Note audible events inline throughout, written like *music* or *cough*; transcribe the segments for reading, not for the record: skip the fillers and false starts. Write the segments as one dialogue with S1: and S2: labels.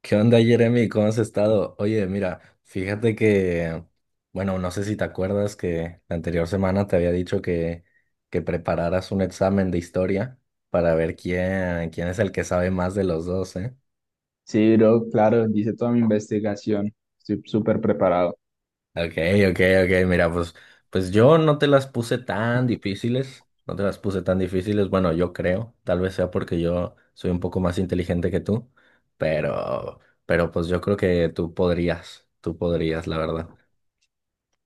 S1: ¿Qué onda, Jeremy? ¿Cómo has estado? Oye, mira, fíjate que, bueno, no sé si te acuerdas que la anterior semana te había dicho que prepararas un examen de historia para ver quién es el que sabe más de los dos, ¿eh?
S2: Sí, bro, claro, hice toda mi investigación. Estoy súper preparado.
S1: Ok, ok, ok, mira, pues yo no te las puse tan difíciles, no te las puse tan difíciles, bueno, yo creo, tal vez sea porque yo soy un poco más inteligente que tú, pero, pero pues yo creo que tú podrías, la verdad.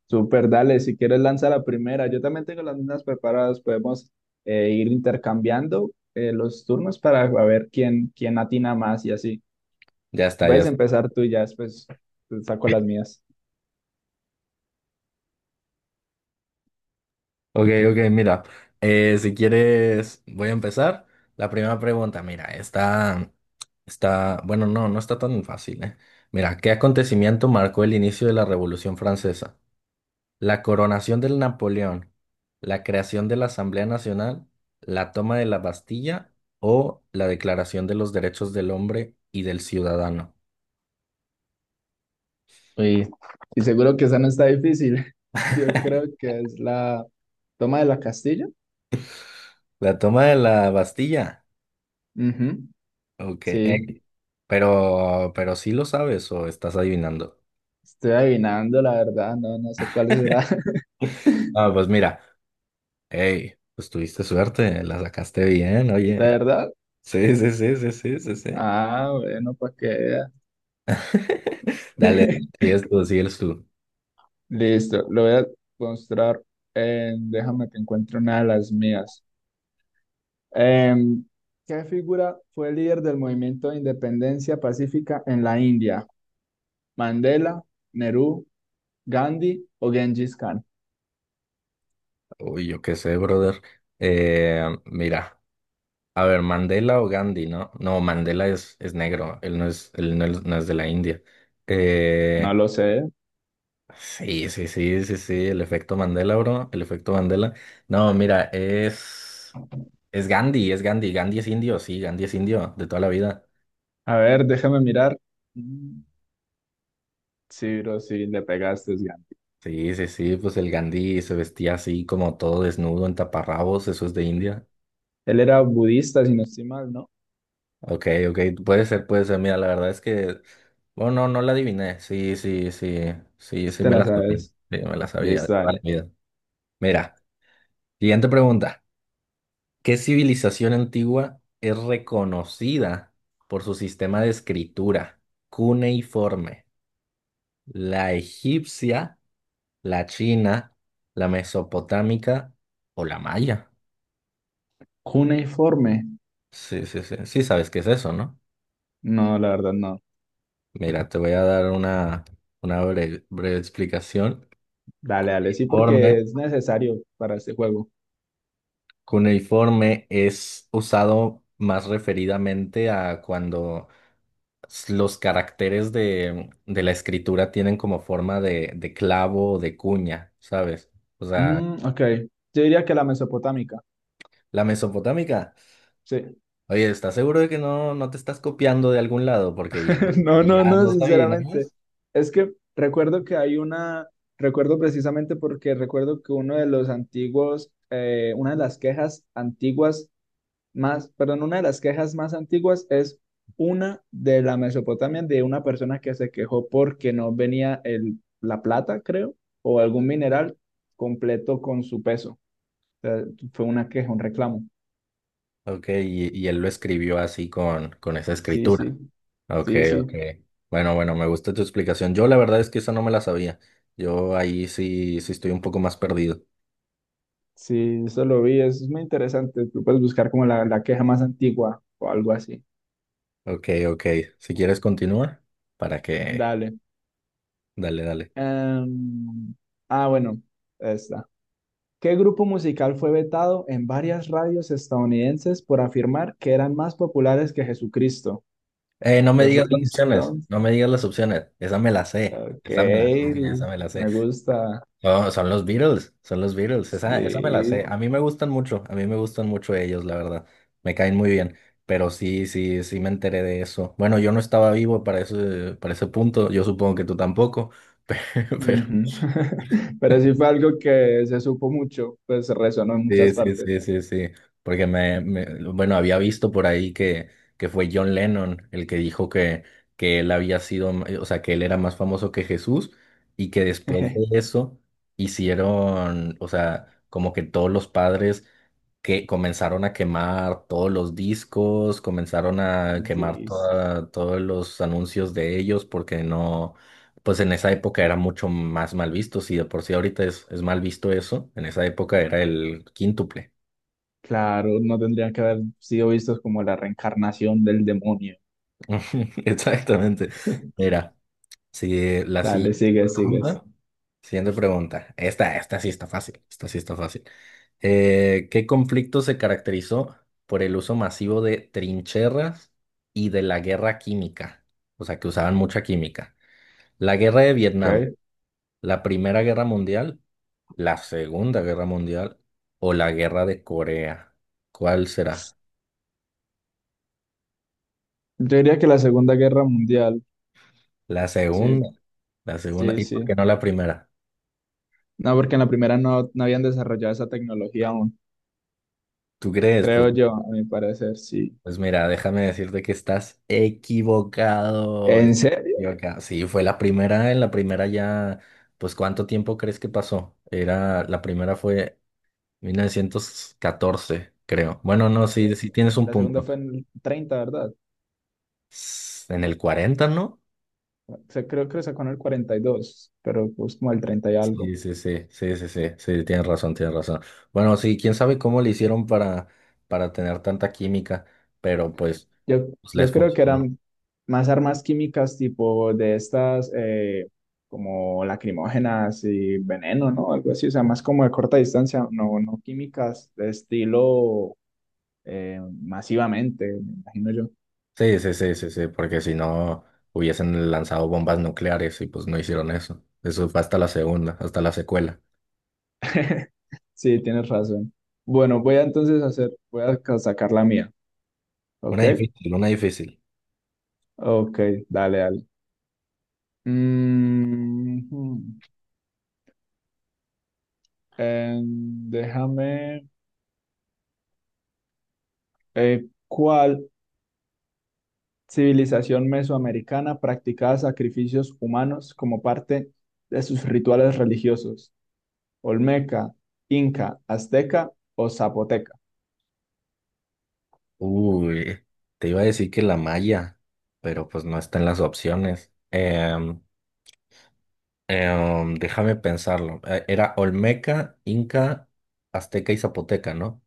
S2: Súper, dale, si quieres lanza la primera. Yo también tengo las mismas preparadas. Podemos ir intercambiando los turnos para ver quién atina más y así.
S1: Ya está, ya
S2: Puedes
S1: está.
S2: empezar tú y ya después te saco las mías.
S1: Ok, ok, mira, si quieres, voy a empezar. La primera pregunta, mira, está, bueno, no está tan fácil, ¿eh? Mira, ¿qué acontecimiento marcó el inicio de la Revolución Francesa? La coronación del Napoleón, la creación de la Asamblea Nacional, la toma de la Bastilla o la Declaración de los Derechos del Hombre y del Ciudadano.
S2: Uy, y seguro que esa no está difícil. *laughs* Yo creo que es la toma de la Castilla.
S1: La toma de la Bastilla,
S2: Ujú,
S1: ok,
S2: sí,
S1: pero sí lo sabes o estás adivinando.
S2: estoy adivinando, la verdad. No, no sé cuál será.
S1: Ah, pues mira. Hey, pues tuviste suerte, la sacaste bien,
S2: ¿De
S1: oye.
S2: verdad?
S1: Sí, sí, sí, sí, sí, sí, sí.
S2: Ah, bueno, pues que vea.
S1: *laughs* Dale,
S2: *laughs*
S1: sigues tú, sigues tú.
S2: Listo, lo voy a mostrar. Déjame que encuentre una de las mías. Em, ¿Qué figura fue líder del movimiento de independencia pacífica en la India? ¿Mandela, Nehru, Gandhi o Genghis Khan?
S1: Uy, yo qué sé, brother. Mira, a ver, Mandela o Gandhi, ¿no? No, Mandela es negro, él no es, no es de la India.
S2: No
S1: Eh,
S2: lo sé.
S1: sí, sí, sí, sí, sí, el efecto Mandela, bro, el efecto Mandela. No, mira, es Gandhi, es Gandhi, Gandhi es indio, sí, Gandhi es indio de toda la vida.
S2: A ver, déjame mirar. Mm, sí, bro, sí, le pegaste, es Gandhi.
S1: Sí, sí, sí, pues el Gandhi se vestía así como todo desnudo en taparrabos, eso es de India.
S2: Él era budista, si no estoy mal, ¿no?
S1: Ok, ok, puede ser, puede ser. Mira, la verdad es que, bueno, no la adiviné. Sí, sí, sí, sí, sí
S2: Te
S1: me
S2: la
S1: la sabía.
S2: sabes.
S1: Sí, me la sabía de
S2: Listo,
S1: toda la
S2: dale.
S1: vida. Mira, siguiente pregunta. ¿Qué civilización antigua es reconocida por su sistema de escritura cuneiforme? ¿La egipcia, la china, la mesopotámica o la maya?
S2: Cuneiforme.
S1: Sí, sí, sí. Sí, sabes qué es eso, ¿no?
S2: No, la verdad, no.
S1: Mira, te voy a dar una breve, breve explicación.
S2: Dale, dale, sí, porque
S1: Cuneiforme.
S2: es necesario para este juego.
S1: Cuneiforme es usado más referidamente a cuando los caracteres de la escritura tienen como forma de clavo o de cuña, ¿sabes? O sea,
S2: Ok, yo diría que la mesopotámica,
S1: la mesopotámica.
S2: sí.
S1: Oye, ¿estás seguro de que no te estás copiando de algún lado? Porque ya,
S2: *laughs* No, no,
S1: ya
S2: no,
S1: no
S2: sinceramente.
S1: sabías.
S2: Es que recuerdo precisamente porque recuerdo que uno de los antiguos, una de las quejas antiguas más, perdón, una de las quejas más antiguas es una de la Mesopotamia, de una persona que se quejó porque no venía la plata, creo, o algún mineral completo con su peso. Sea, fue una queja, un reclamo.
S1: Ok, y él lo escribió así con esa
S2: Sí, sí,
S1: escritura. Ok,
S2: sí, sí,
S1: ok. Bueno, bueno, me gusta tu explicación. Yo la verdad es que esa no me la sabía. Yo ahí sí, sí estoy un poco más perdido.
S2: sí, eso lo vi, eso es muy interesante. Tú puedes buscar como la queja más antigua o algo así.
S1: Ok, ok. Si quieres continúa, para que.
S2: Dale.
S1: Dale, dale.
S2: Em, ah, bueno, esta. ¿Qué grupo musical fue vetado en varias radios estadounidenses por afirmar que eran más populares que Jesucristo?
S1: No me
S2: Los
S1: digas las
S2: Rolling
S1: opciones,
S2: Stones.
S1: no me digas las opciones. Esa me la sé,
S2: Ok,
S1: esa me la sé, esa me la sé.
S2: me gusta.
S1: No, son los Beatles, esa me la
S2: Sí,
S1: sé. A mí me gustan mucho, a mí me gustan mucho ellos, la verdad. Me caen muy bien, pero sí, sí, sí me enteré de eso. Bueno, yo no estaba vivo para ese punto, yo supongo que tú tampoco, *laughs* pero,
S2: ujú. *laughs* Pero
S1: pero
S2: sí fue algo que se supo mucho, pues resonó en
S1: Sí,
S2: muchas
S1: sí,
S2: partes.
S1: sí, sí, sí. Porque bueno, había visto por ahí que fue John Lennon el que dijo que él había sido, o sea, que él era más famoso que Jesús y que después de
S2: *laughs*
S1: eso hicieron, o sea, como que todos los padres que comenzaron a quemar todos los discos, comenzaron a quemar
S2: Dis-
S1: todos los anuncios de ellos, porque no, pues en esa época era mucho más mal visto, si de por sí ahorita es mal visto eso, en esa época era el quíntuple.
S2: Claro, no tendría que haber sido vistos como la reencarnación del demonio.
S1: *laughs* Exactamente,
S2: *laughs*
S1: era, si la
S2: Dale,
S1: siguiente
S2: sigue, sigues.
S1: pregunta. Siguiente pregunta. Esta sí está fácil. Esta sí está fácil. ¿Qué conflicto se caracterizó por el uso masivo de trincheras y de la guerra química? O sea, que usaban mucha química. La guerra de Vietnam,
S2: Okay.
S1: la Primera Guerra Mundial, la Segunda Guerra Mundial o la guerra de Corea. ¿Cuál será?
S2: Yo diría que la Segunda Guerra Mundial,
S1: La
S2: sí,
S1: segunda. La segunda.
S2: sí,
S1: ¿Y por qué
S2: sí.
S1: no la primera?
S2: No, porque en la primera no, no habían desarrollado esa tecnología aún,
S1: ¿Tú crees? Pues
S2: creo yo, a mi parecer, sí.
S1: Pues mira, déjame decirte que estás equivocado.
S2: ¿En
S1: Estás
S2: serio?
S1: equivocado. Sí, fue la primera, en la primera ya, pues ¿cuánto tiempo crees que pasó? La primera fue 1914, creo. Bueno, no, sí, sí
S2: 14.
S1: tienes un
S2: La segunda
S1: punto.
S2: fue en el 30, ¿verdad?
S1: En el 40, ¿no?
S2: O sea, creo que sacó en el 42, pero pues como el 30 y algo.
S1: Sí, sí, sí, sí, sí, sí, sí, tienes razón, tienes razón. Bueno, sí, quién sabe cómo le hicieron para tener tanta química, pero pues,
S2: Yo,
S1: pues
S2: yo
S1: les
S2: creo que
S1: funcionó.
S2: eran más armas químicas tipo de estas, como lacrimógenas y veneno, ¿no? Algo así, o sea, más como de corta distancia, no, no químicas de estilo masivamente, me imagino yo.
S1: Sí, sí, sí, sí, sí, porque si no hubiesen lanzado bombas nucleares y pues no hicieron eso. Eso fue hasta la segunda, hasta la secuela.
S2: *laughs* Sí, tienes razón. Bueno, voy a entonces hacer, sacar la mía, ¿ok?
S1: Una difícil, una difícil.
S2: Ok, dale, dale. Mm, hmm, em, déjame, ¿cuál civilización mesoamericana practicaba sacrificios humanos como parte de sus rituales religiosos? Olmeca, Inca, Azteca o Zapoteca.
S1: Uy, te iba a decir que la malla, pero pues no está en las opciones. Déjame pensarlo. Era Olmeca, Inca, Azteca y Zapoteca, ¿no?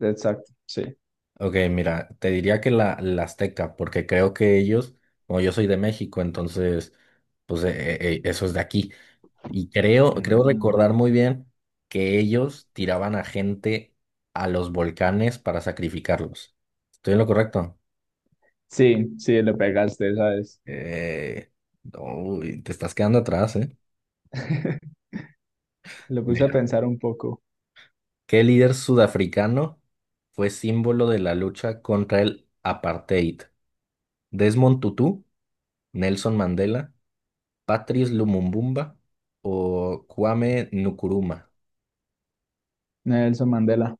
S2: Exacto, sí.
S1: Ok, mira, te diría que la Azteca, porque creo que ellos, como yo soy de México, entonces, pues eso es de aquí. Y creo
S2: Mm.
S1: recordar muy bien que ellos tiraban a gente a los volcanes para sacrificarlos. ¿Estoy en lo correcto?
S2: Sí, sí, le pegaste, ¿sabes?
S1: Eh, uy, te estás quedando atrás, ¿eh?
S2: *laughs* Lo puse a
S1: Mira,
S2: pensar un poco.
S1: ¿qué líder sudafricano fue símbolo de la lucha contra el apartheid? ¿Desmond Tutu, Nelson Mandela, Patrice Lumumbumba o Kwame Nkrumah?
S2: Nelson Mandela.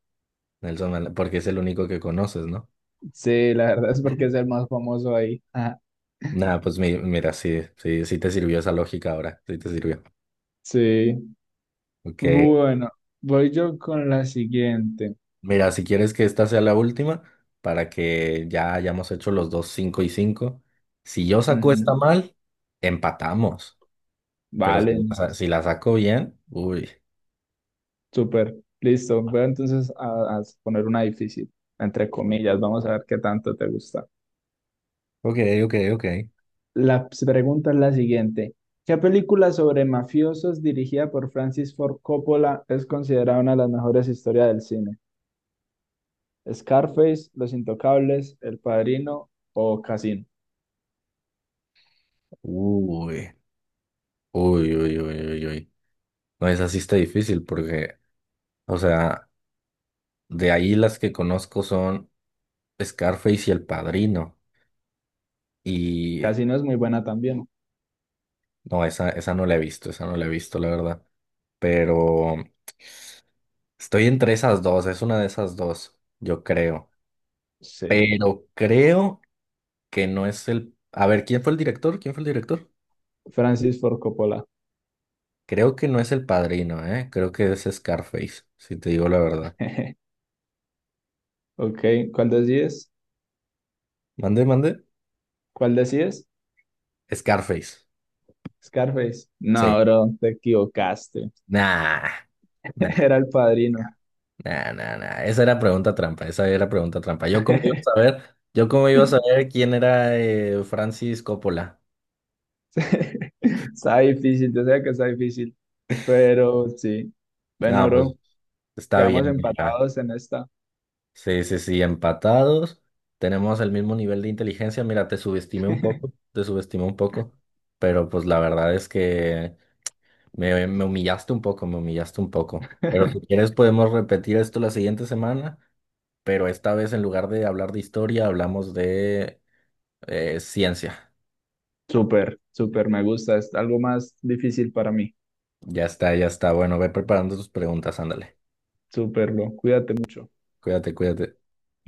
S1: Nelson Mandela, porque es el único que conoces, ¿no?
S2: Sí, la verdad es porque es el más famoso ahí. Ajá,
S1: Nada, pues mira, sí, sí, sí te sirvió esa lógica ahora, sí te sirvió.
S2: sí.
S1: Ok,
S2: Bueno, voy yo con la siguiente.
S1: mira, si quieres que esta sea la última, para que ya hayamos hecho los dos 5 y 5 si yo saco esta
S2: Ujú.
S1: mal, empatamos, pero
S2: Vale.
S1: si la saco bien, uy.
S2: Súper, listo. Voy entonces a poner una difícil, entre comillas. Vamos a ver qué tanto te gusta.
S1: Ok, ok, ok.
S2: Pregunta es la siguiente. ¿Qué película sobre mafiosos dirigida por Francis Ford Coppola es considerada una de las mejores historias del cine? ¿Scarface, Los Intocables, El Padrino o Casino?
S1: Uy, uy, uy, uy, uy, uy. No, esa sí está difícil porque, o sea. De ahí las que conozco son Scarface y El Padrino. Y
S2: Casino es muy buena también.
S1: no, esa no la he visto, esa no la he visto, la verdad. Pero estoy entre esas dos, es una de esas dos, yo creo.
S2: Sí.
S1: Pero creo que no es el. A ver, ¿quién fue el director? ¿Quién fue el director?
S2: Francis Ford Coppola.
S1: Creo que no es El Padrino, ¿eh? Creo que es Scarface, si te digo la verdad.
S2: *laughs* Ok, ¿cuál decides?
S1: Mande, mande.
S2: ¿Cuál decides?
S1: Scarface.
S2: Scarface.
S1: Sí.
S2: No, bro, te equivocaste.
S1: Nah, nah,
S2: *laughs* Era El Padrino.
S1: nah, nah, nah. Esa era pregunta trampa, esa era pregunta trampa. Yo cómo iba a
S2: *laughs*
S1: saber, yo cómo iba a saber quién era Francis Coppola.
S2: Está difícil, yo sé que está difícil, pero sí. Bueno,
S1: No, pues
S2: bro,
S1: está bien,
S2: quedamos
S1: mira.
S2: empatados en esta.
S1: Sí, sí, sí, empatados. Tenemos el mismo nivel de inteligencia. Mira, te subestimé un poco,
S2: *laughs*
S1: te subestimé un poco, pero pues la verdad es que me humillaste un poco, me humillaste un poco. Pero si quieres podemos repetir esto la siguiente semana, pero esta vez en lugar de hablar de historia, hablamos de ciencia.
S2: Súper, súper, me gusta. Es algo más difícil para mí.
S1: Ya está, ya está. Bueno, ve preparando tus preguntas, ándale.
S2: Súper, bro. Cuídate mucho.
S1: Cuídate, cuídate.